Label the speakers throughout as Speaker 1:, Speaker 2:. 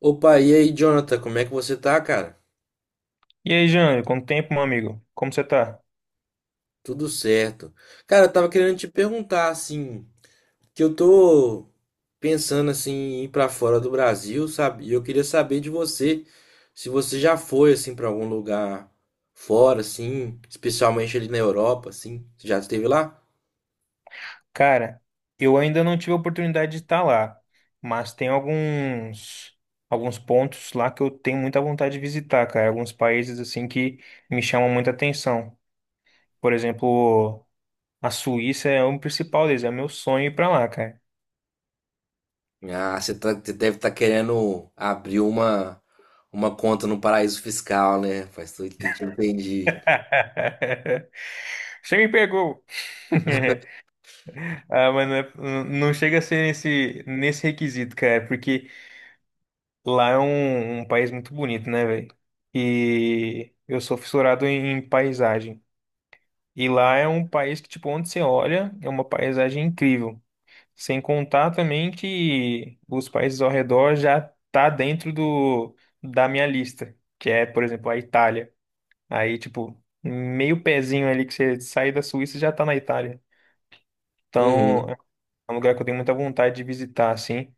Speaker 1: Opa, e aí, Jonathan, como é que você tá, cara?
Speaker 2: E aí, Jânio, quanto tempo, meu amigo? Como você tá?
Speaker 1: Tudo certo. Cara, eu tava querendo te perguntar, assim, que eu tô pensando, assim, em ir pra fora do Brasil, sabe? E eu queria saber de você, se você já foi, assim, pra algum lugar fora, assim, especialmente ali na Europa, assim. Você já esteve lá?
Speaker 2: Cara, eu ainda não tive a oportunidade de estar lá, mas tem alguns pontos lá que eu tenho muita vontade de visitar, cara. Alguns países assim que me chamam muita atenção. Por exemplo, a Suíça é um principal deles, é meu sonho ir pra lá, cara.
Speaker 1: Ah, você deve estar querendo abrir uma conta no paraíso fiscal, né? Faz tudo, tem que entendi.
Speaker 2: Você me pegou. Ah, mas não, não chega a ser nesse requisito, cara, porque lá é um país muito bonito, né, velho? E eu sou fissurado em paisagem. E lá é um país que, tipo, onde você olha, é uma paisagem incrível. Sem contar também que os países ao redor já tá dentro do, da minha lista, que é, por exemplo, a Itália. Aí, tipo, meio pezinho ali que você sai da Suíça já tá na Itália. Então, é um lugar que eu tenho muita vontade de visitar, assim.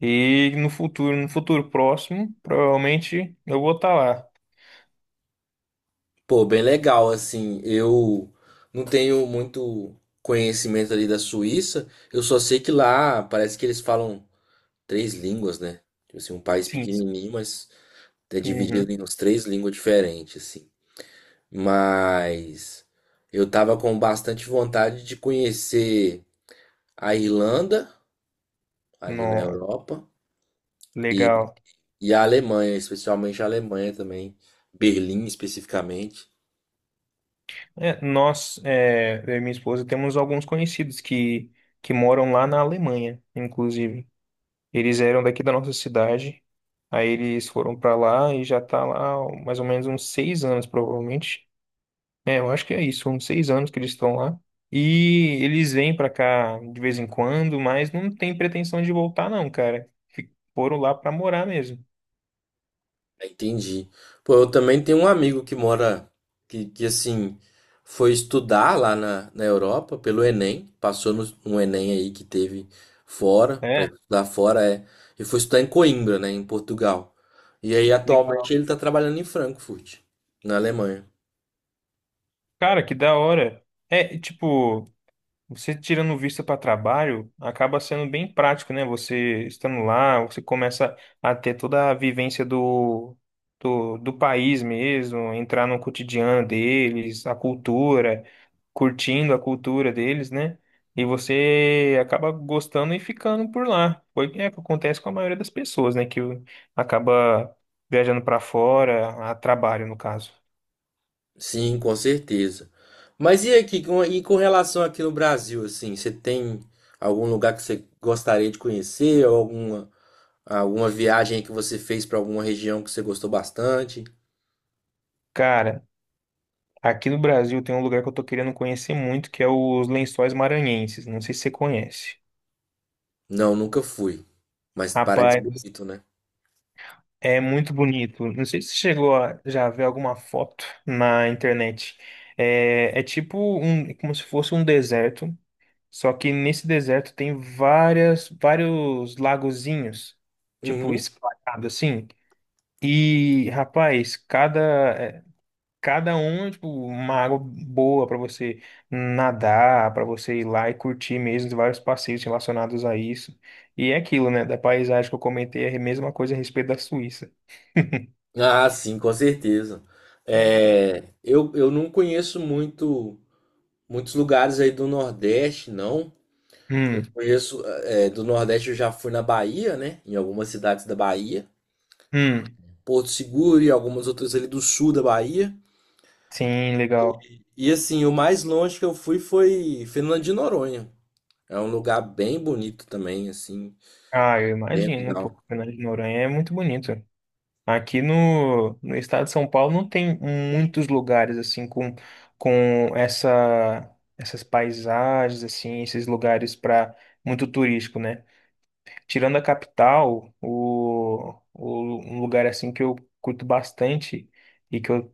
Speaker 2: E no futuro, no futuro próximo, provavelmente eu vou estar lá.
Speaker 1: Pô, bem legal, assim, eu não tenho muito conhecimento ali da Suíça, eu só sei que lá parece que eles falam três línguas, né? Tipo assim, um país
Speaker 2: Sim, sim.
Speaker 1: pequenininho, mas é
Speaker 2: Uhum.
Speaker 1: dividido em umas três línguas diferentes, assim. Mas eu tava com bastante vontade de conhecer a Irlanda, ali na
Speaker 2: No,
Speaker 1: Europa, e,
Speaker 2: legal.
Speaker 1: a Alemanha, especialmente a Alemanha também, Berlim especificamente.
Speaker 2: É, nós, é, eu e minha esposa, temos alguns conhecidos que moram lá na Alemanha, inclusive. Eles eram daqui da nossa cidade, aí eles foram para lá e já tá lá há mais ou menos uns seis anos, provavelmente. É, eu acho que é isso, uns seis anos que eles estão lá. E eles vêm para cá de vez em quando, mas não tem pretensão de voltar, não, cara. Foram lá para morar mesmo.
Speaker 1: Entendi. Pô, eu também tenho um amigo que mora, que assim, foi estudar lá na Europa pelo Enem, passou no Enem aí que teve fora, para
Speaker 2: É,
Speaker 1: estudar fora, é, e foi estudar em Coimbra, né, em Portugal. E aí atualmente
Speaker 2: legal.
Speaker 1: ele tá trabalhando em Frankfurt, na Alemanha.
Speaker 2: Cara, que da hora. É, tipo. Você tirando vista para trabalho, acaba sendo bem prático, né? Você estando lá, você começa a ter toda a vivência do, do país mesmo, entrar no cotidiano deles, a cultura, curtindo a cultura deles, né? E você acaba gostando e ficando por lá. Foi é o que acontece com a maioria das pessoas, né? Que acaba viajando para fora, a trabalho, no caso.
Speaker 1: Sim, com certeza. Mas e aqui, e com relação aqui no Brasil, assim, você tem algum lugar que você gostaria de conhecer, ou alguma alguma viagem que você fez pra alguma região que você gostou bastante?
Speaker 2: Cara. Aqui no Brasil tem um lugar que eu tô querendo conhecer muito, que é os Lençóis Maranhenses. Não sei se você conhece.
Speaker 1: Não, nunca fui, mas parece
Speaker 2: Rapaz,
Speaker 1: bonito, né?
Speaker 2: é muito bonito. Não sei se você chegou a já ver alguma foto na internet. É, é tipo um, é como se fosse um deserto, só que nesse deserto tem várias, vários lagozinhos, tipo
Speaker 1: Uhum.
Speaker 2: espalhado assim. E, rapaz, cada é, cada um, tipo, uma água boa para você nadar, para você ir lá e curtir mesmo vários passeios relacionados a isso. E é aquilo, né? Da paisagem que eu comentei, é a mesma coisa a respeito da Suíça.
Speaker 1: Ah, sim, com certeza. É, eu não conheço muitos lugares aí do Nordeste, não. Eu
Speaker 2: Hum,
Speaker 1: conheço é, do Nordeste, eu já fui na Bahia, né? Em algumas cidades da Bahia,
Speaker 2: hum,
Speaker 1: Porto Seguro e algumas outras ali do sul da Bahia.
Speaker 2: sim, legal.
Speaker 1: E assim, o mais longe que eu fui foi Fernando de Noronha. É um lugar bem bonito também, assim,
Speaker 2: Ah, eu
Speaker 1: bem
Speaker 2: imagino, pô,
Speaker 1: legal.
Speaker 2: Fernando de Noronha é muito bonito. Aqui no, no estado de São Paulo não tem muitos lugares assim com essa, essas paisagens assim, esses lugares para muito turístico, né? Tirando a capital, o, um lugar assim que eu curto bastante e que eu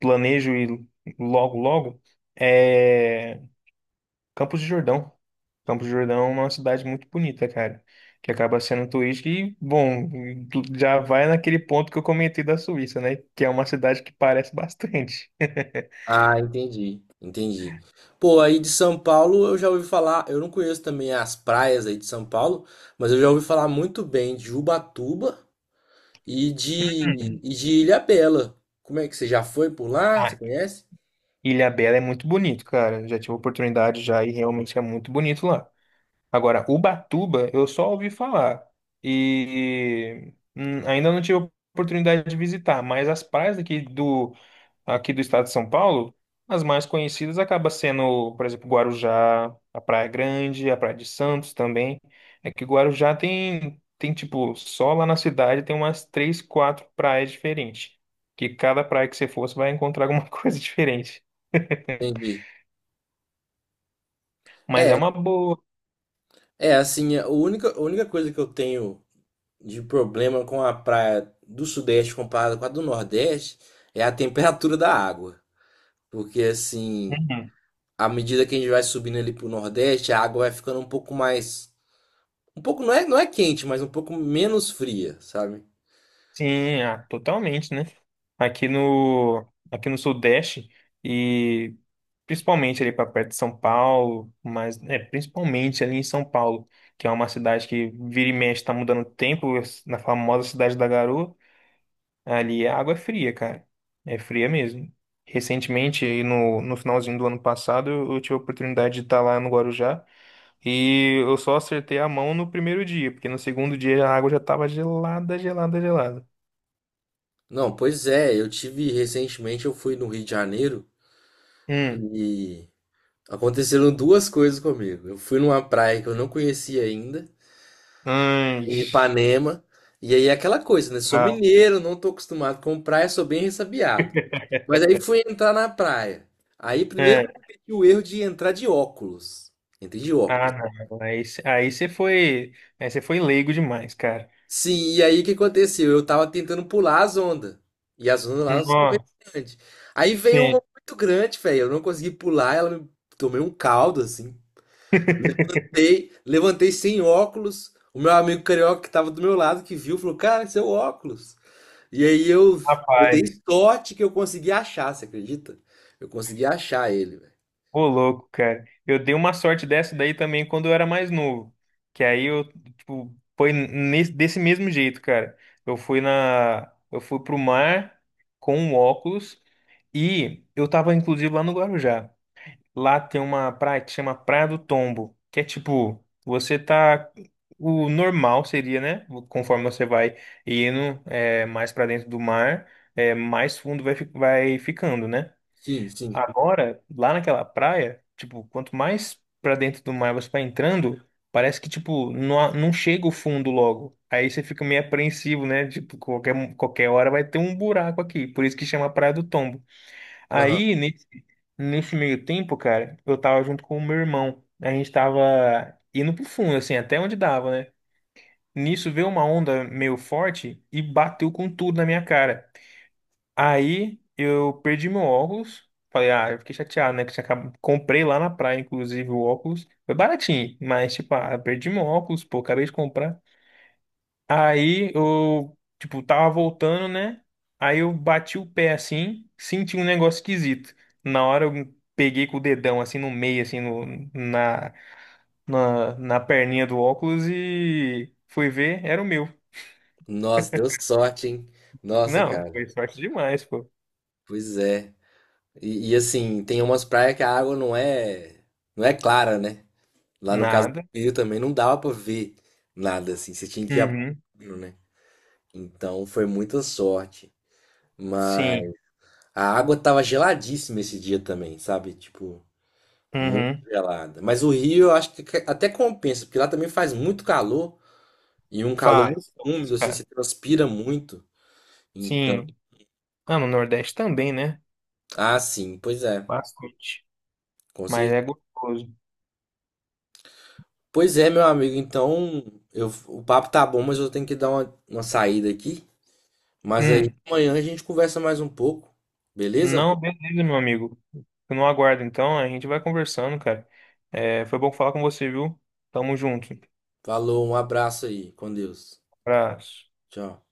Speaker 2: planejo ir logo logo é Campos de Jordão. Campos de Jordão é uma cidade muito bonita, cara, que acaba sendo turística e, bom, tu já vai naquele ponto que eu comentei da Suíça, né? Que é uma cidade que parece bastante.
Speaker 1: Ah, entendi, entendi. Pô, aí de São Paulo eu já ouvi falar, eu não conheço também as praias aí de São Paulo, mas eu já ouvi falar muito bem de Ubatuba e de,
Speaker 2: Hum.
Speaker 1: e de Ilhabela. Como é que você já foi por lá? Você
Speaker 2: Ah,
Speaker 1: conhece?
Speaker 2: Ilhabela é muito bonito, cara. Já tive a oportunidade já e realmente é muito bonito lá. Agora, Ubatuba, eu só ouvi falar. E ainda não tive a oportunidade de visitar, mas as praias aqui do estado de São Paulo, as mais conhecidas acaba sendo, por exemplo, Guarujá, a Praia Grande, a Praia de Santos também. É que Guarujá tem, tem tipo, só lá na cidade tem umas três, quatro praias diferentes. Que cada praia que você fosse vai encontrar alguma coisa diferente.
Speaker 1: Entendi.
Speaker 2: Mas é
Speaker 1: É,
Speaker 2: uma boa.
Speaker 1: é assim, a única coisa que eu tenho de problema com a praia do Sudeste comparada com a do Nordeste é a temperatura da água. Porque assim,
Speaker 2: Uhum.
Speaker 1: à medida que a gente vai subindo ali pro Nordeste, a água vai ficando um pouco mais um pouco, não é, não é quente, mas um pouco menos fria, sabe?
Speaker 2: Sim, ah, totalmente, né? Aqui no Sudeste e principalmente ali para perto de São Paulo, mas é principalmente ali em São Paulo, que é uma cidade que vira e mexe tá mudando o tempo, na famosa cidade da Garoa, ali a água é fria, cara. É fria mesmo. Recentemente, aí no, no finalzinho do ano passado, eu tive a oportunidade de estar lá no Guarujá e eu só acertei a mão no primeiro dia, porque no segundo dia a água já estava gelada, gelada, gelada.
Speaker 1: Não, pois é, eu tive recentemente, eu fui no Rio de Janeiro
Speaker 2: Hum.
Speaker 1: e aconteceram duas coisas comigo. Eu fui numa praia que eu não conhecia ainda,
Speaker 2: Anjo.
Speaker 1: em Ipanema, e aí é aquela coisa, né? Sou
Speaker 2: Ah,
Speaker 1: mineiro, não tô acostumado com praia, sou bem ressabiado. Mas aí fui entrar na praia. Aí primeiro que
Speaker 2: é.
Speaker 1: eu cometi o erro de entrar de óculos. Entrei de
Speaker 2: Ah,
Speaker 1: óculos.
Speaker 2: não. Aí, aí você foi leigo demais, cara.
Speaker 1: Sim, e aí o que aconteceu? Eu tava tentando pular as ondas. E as ondas lá são meio
Speaker 2: Nossa,
Speaker 1: grandes. Aí veio uma
Speaker 2: sim.
Speaker 1: muito grande, velho. Eu não consegui pular, ela me... tomei um caldo, assim. Levantei, levantei sem óculos. O meu amigo carioca que tava do meu lado, que viu, falou, cara, seu óculos. E aí eu dei
Speaker 2: Rapaz,
Speaker 1: sorte que eu consegui achar, você acredita? Eu consegui achar ele, velho.
Speaker 2: ô louco, cara. Eu dei uma sorte dessa daí também quando eu era mais novo. Que aí eu, tipo, foi nesse, desse mesmo jeito, cara. Eu fui na, eu fui pro mar com um óculos e eu tava inclusive lá no Guarujá. Lá tem uma praia que chama Praia do Tombo, que é tipo, você tá. O normal seria, né? Conforme você vai indo é, mais pra dentro do mar, é, mais fundo vai, vai ficando, né?
Speaker 1: Sim, sim.
Speaker 2: Agora, lá naquela praia, tipo, quanto mais pra dentro do mar você vai entrando, parece que, tipo, não, não chega o fundo logo. Aí você fica meio apreensivo, né? Tipo, qualquer hora vai ter um buraco aqui. Por isso que chama Praia do Tombo.
Speaker 1: Aham.
Speaker 2: Aí, nesse, nesse meio tempo, cara, eu tava junto com o meu irmão. A gente tava indo pro fundo, assim, até onde dava, né? Nisso veio uma onda meio forte e bateu com tudo na minha cara. Aí eu perdi meu óculos. Falei, ah, eu fiquei chateado, né? Que tinha acabado... Comprei lá na praia, inclusive, o óculos. Foi baratinho, mas, tipo, ah, perdi meu óculos, pô, acabei de comprar. Aí eu, tipo, tava voltando, né? Aí eu bati o pé assim, senti um negócio esquisito. Na hora eu peguei com o dedão assim no meio, assim, no, na, na perninha do óculos e fui ver, era o meu.
Speaker 1: Nossa, deu sorte, hein? Nossa,
Speaker 2: Não,
Speaker 1: cara.
Speaker 2: foi sorte demais, pô.
Speaker 1: Pois é. E, assim, tem umas praias que a água não é, não é clara, né? Lá no caso do
Speaker 2: Nada.
Speaker 1: Rio também não dava pra ver nada assim, você tinha que ir a pau,
Speaker 2: Uhum.
Speaker 1: né? Então foi muita sorte. Mas
Speaker 2: Sim.
Speaker 1: a água tava geladíssima esse dia também, sabe? Tipo, muito
Speaker 2: Uhum.
Speaker 1: gelada. Mas o Rio eu acho que até compensa, porque lá também faz muito calor e um calor muito
Speaker 2: Faz.
Speaker 1: úmido assim, você
Speaker 2: Cara.
Speaker 1: transpira muito. Então,
Speaker 2: Sim. Ah, no Nordeste também, né?
Speaker 1: ah, sim, pois é.
Speaker 2: Bastante.
Speaker 1: Com
Speaker 2: Mas
Speaker 1: certeza.
Speaker 2: é gostoso.
Speaker 1: Pois é, meu amigo. Então, eu, o papo tá bom, mas eu tenho que dar uma saída aqui. Mas aí
Speaker 2: Hum.
Speaker 1: amanhã a gente conversa mais um pouco, beleza?
Speaker 2: Não, beleza, meu amigo. Eu não aguardo, então. A gente vai conversando, cara. É, foi bom falar com você, viu? Tamo junto.
Speaker 1: Falou, um abraço aí. Com Deus.
Speaker 2: Abraço.
Speaker 1: Tchau.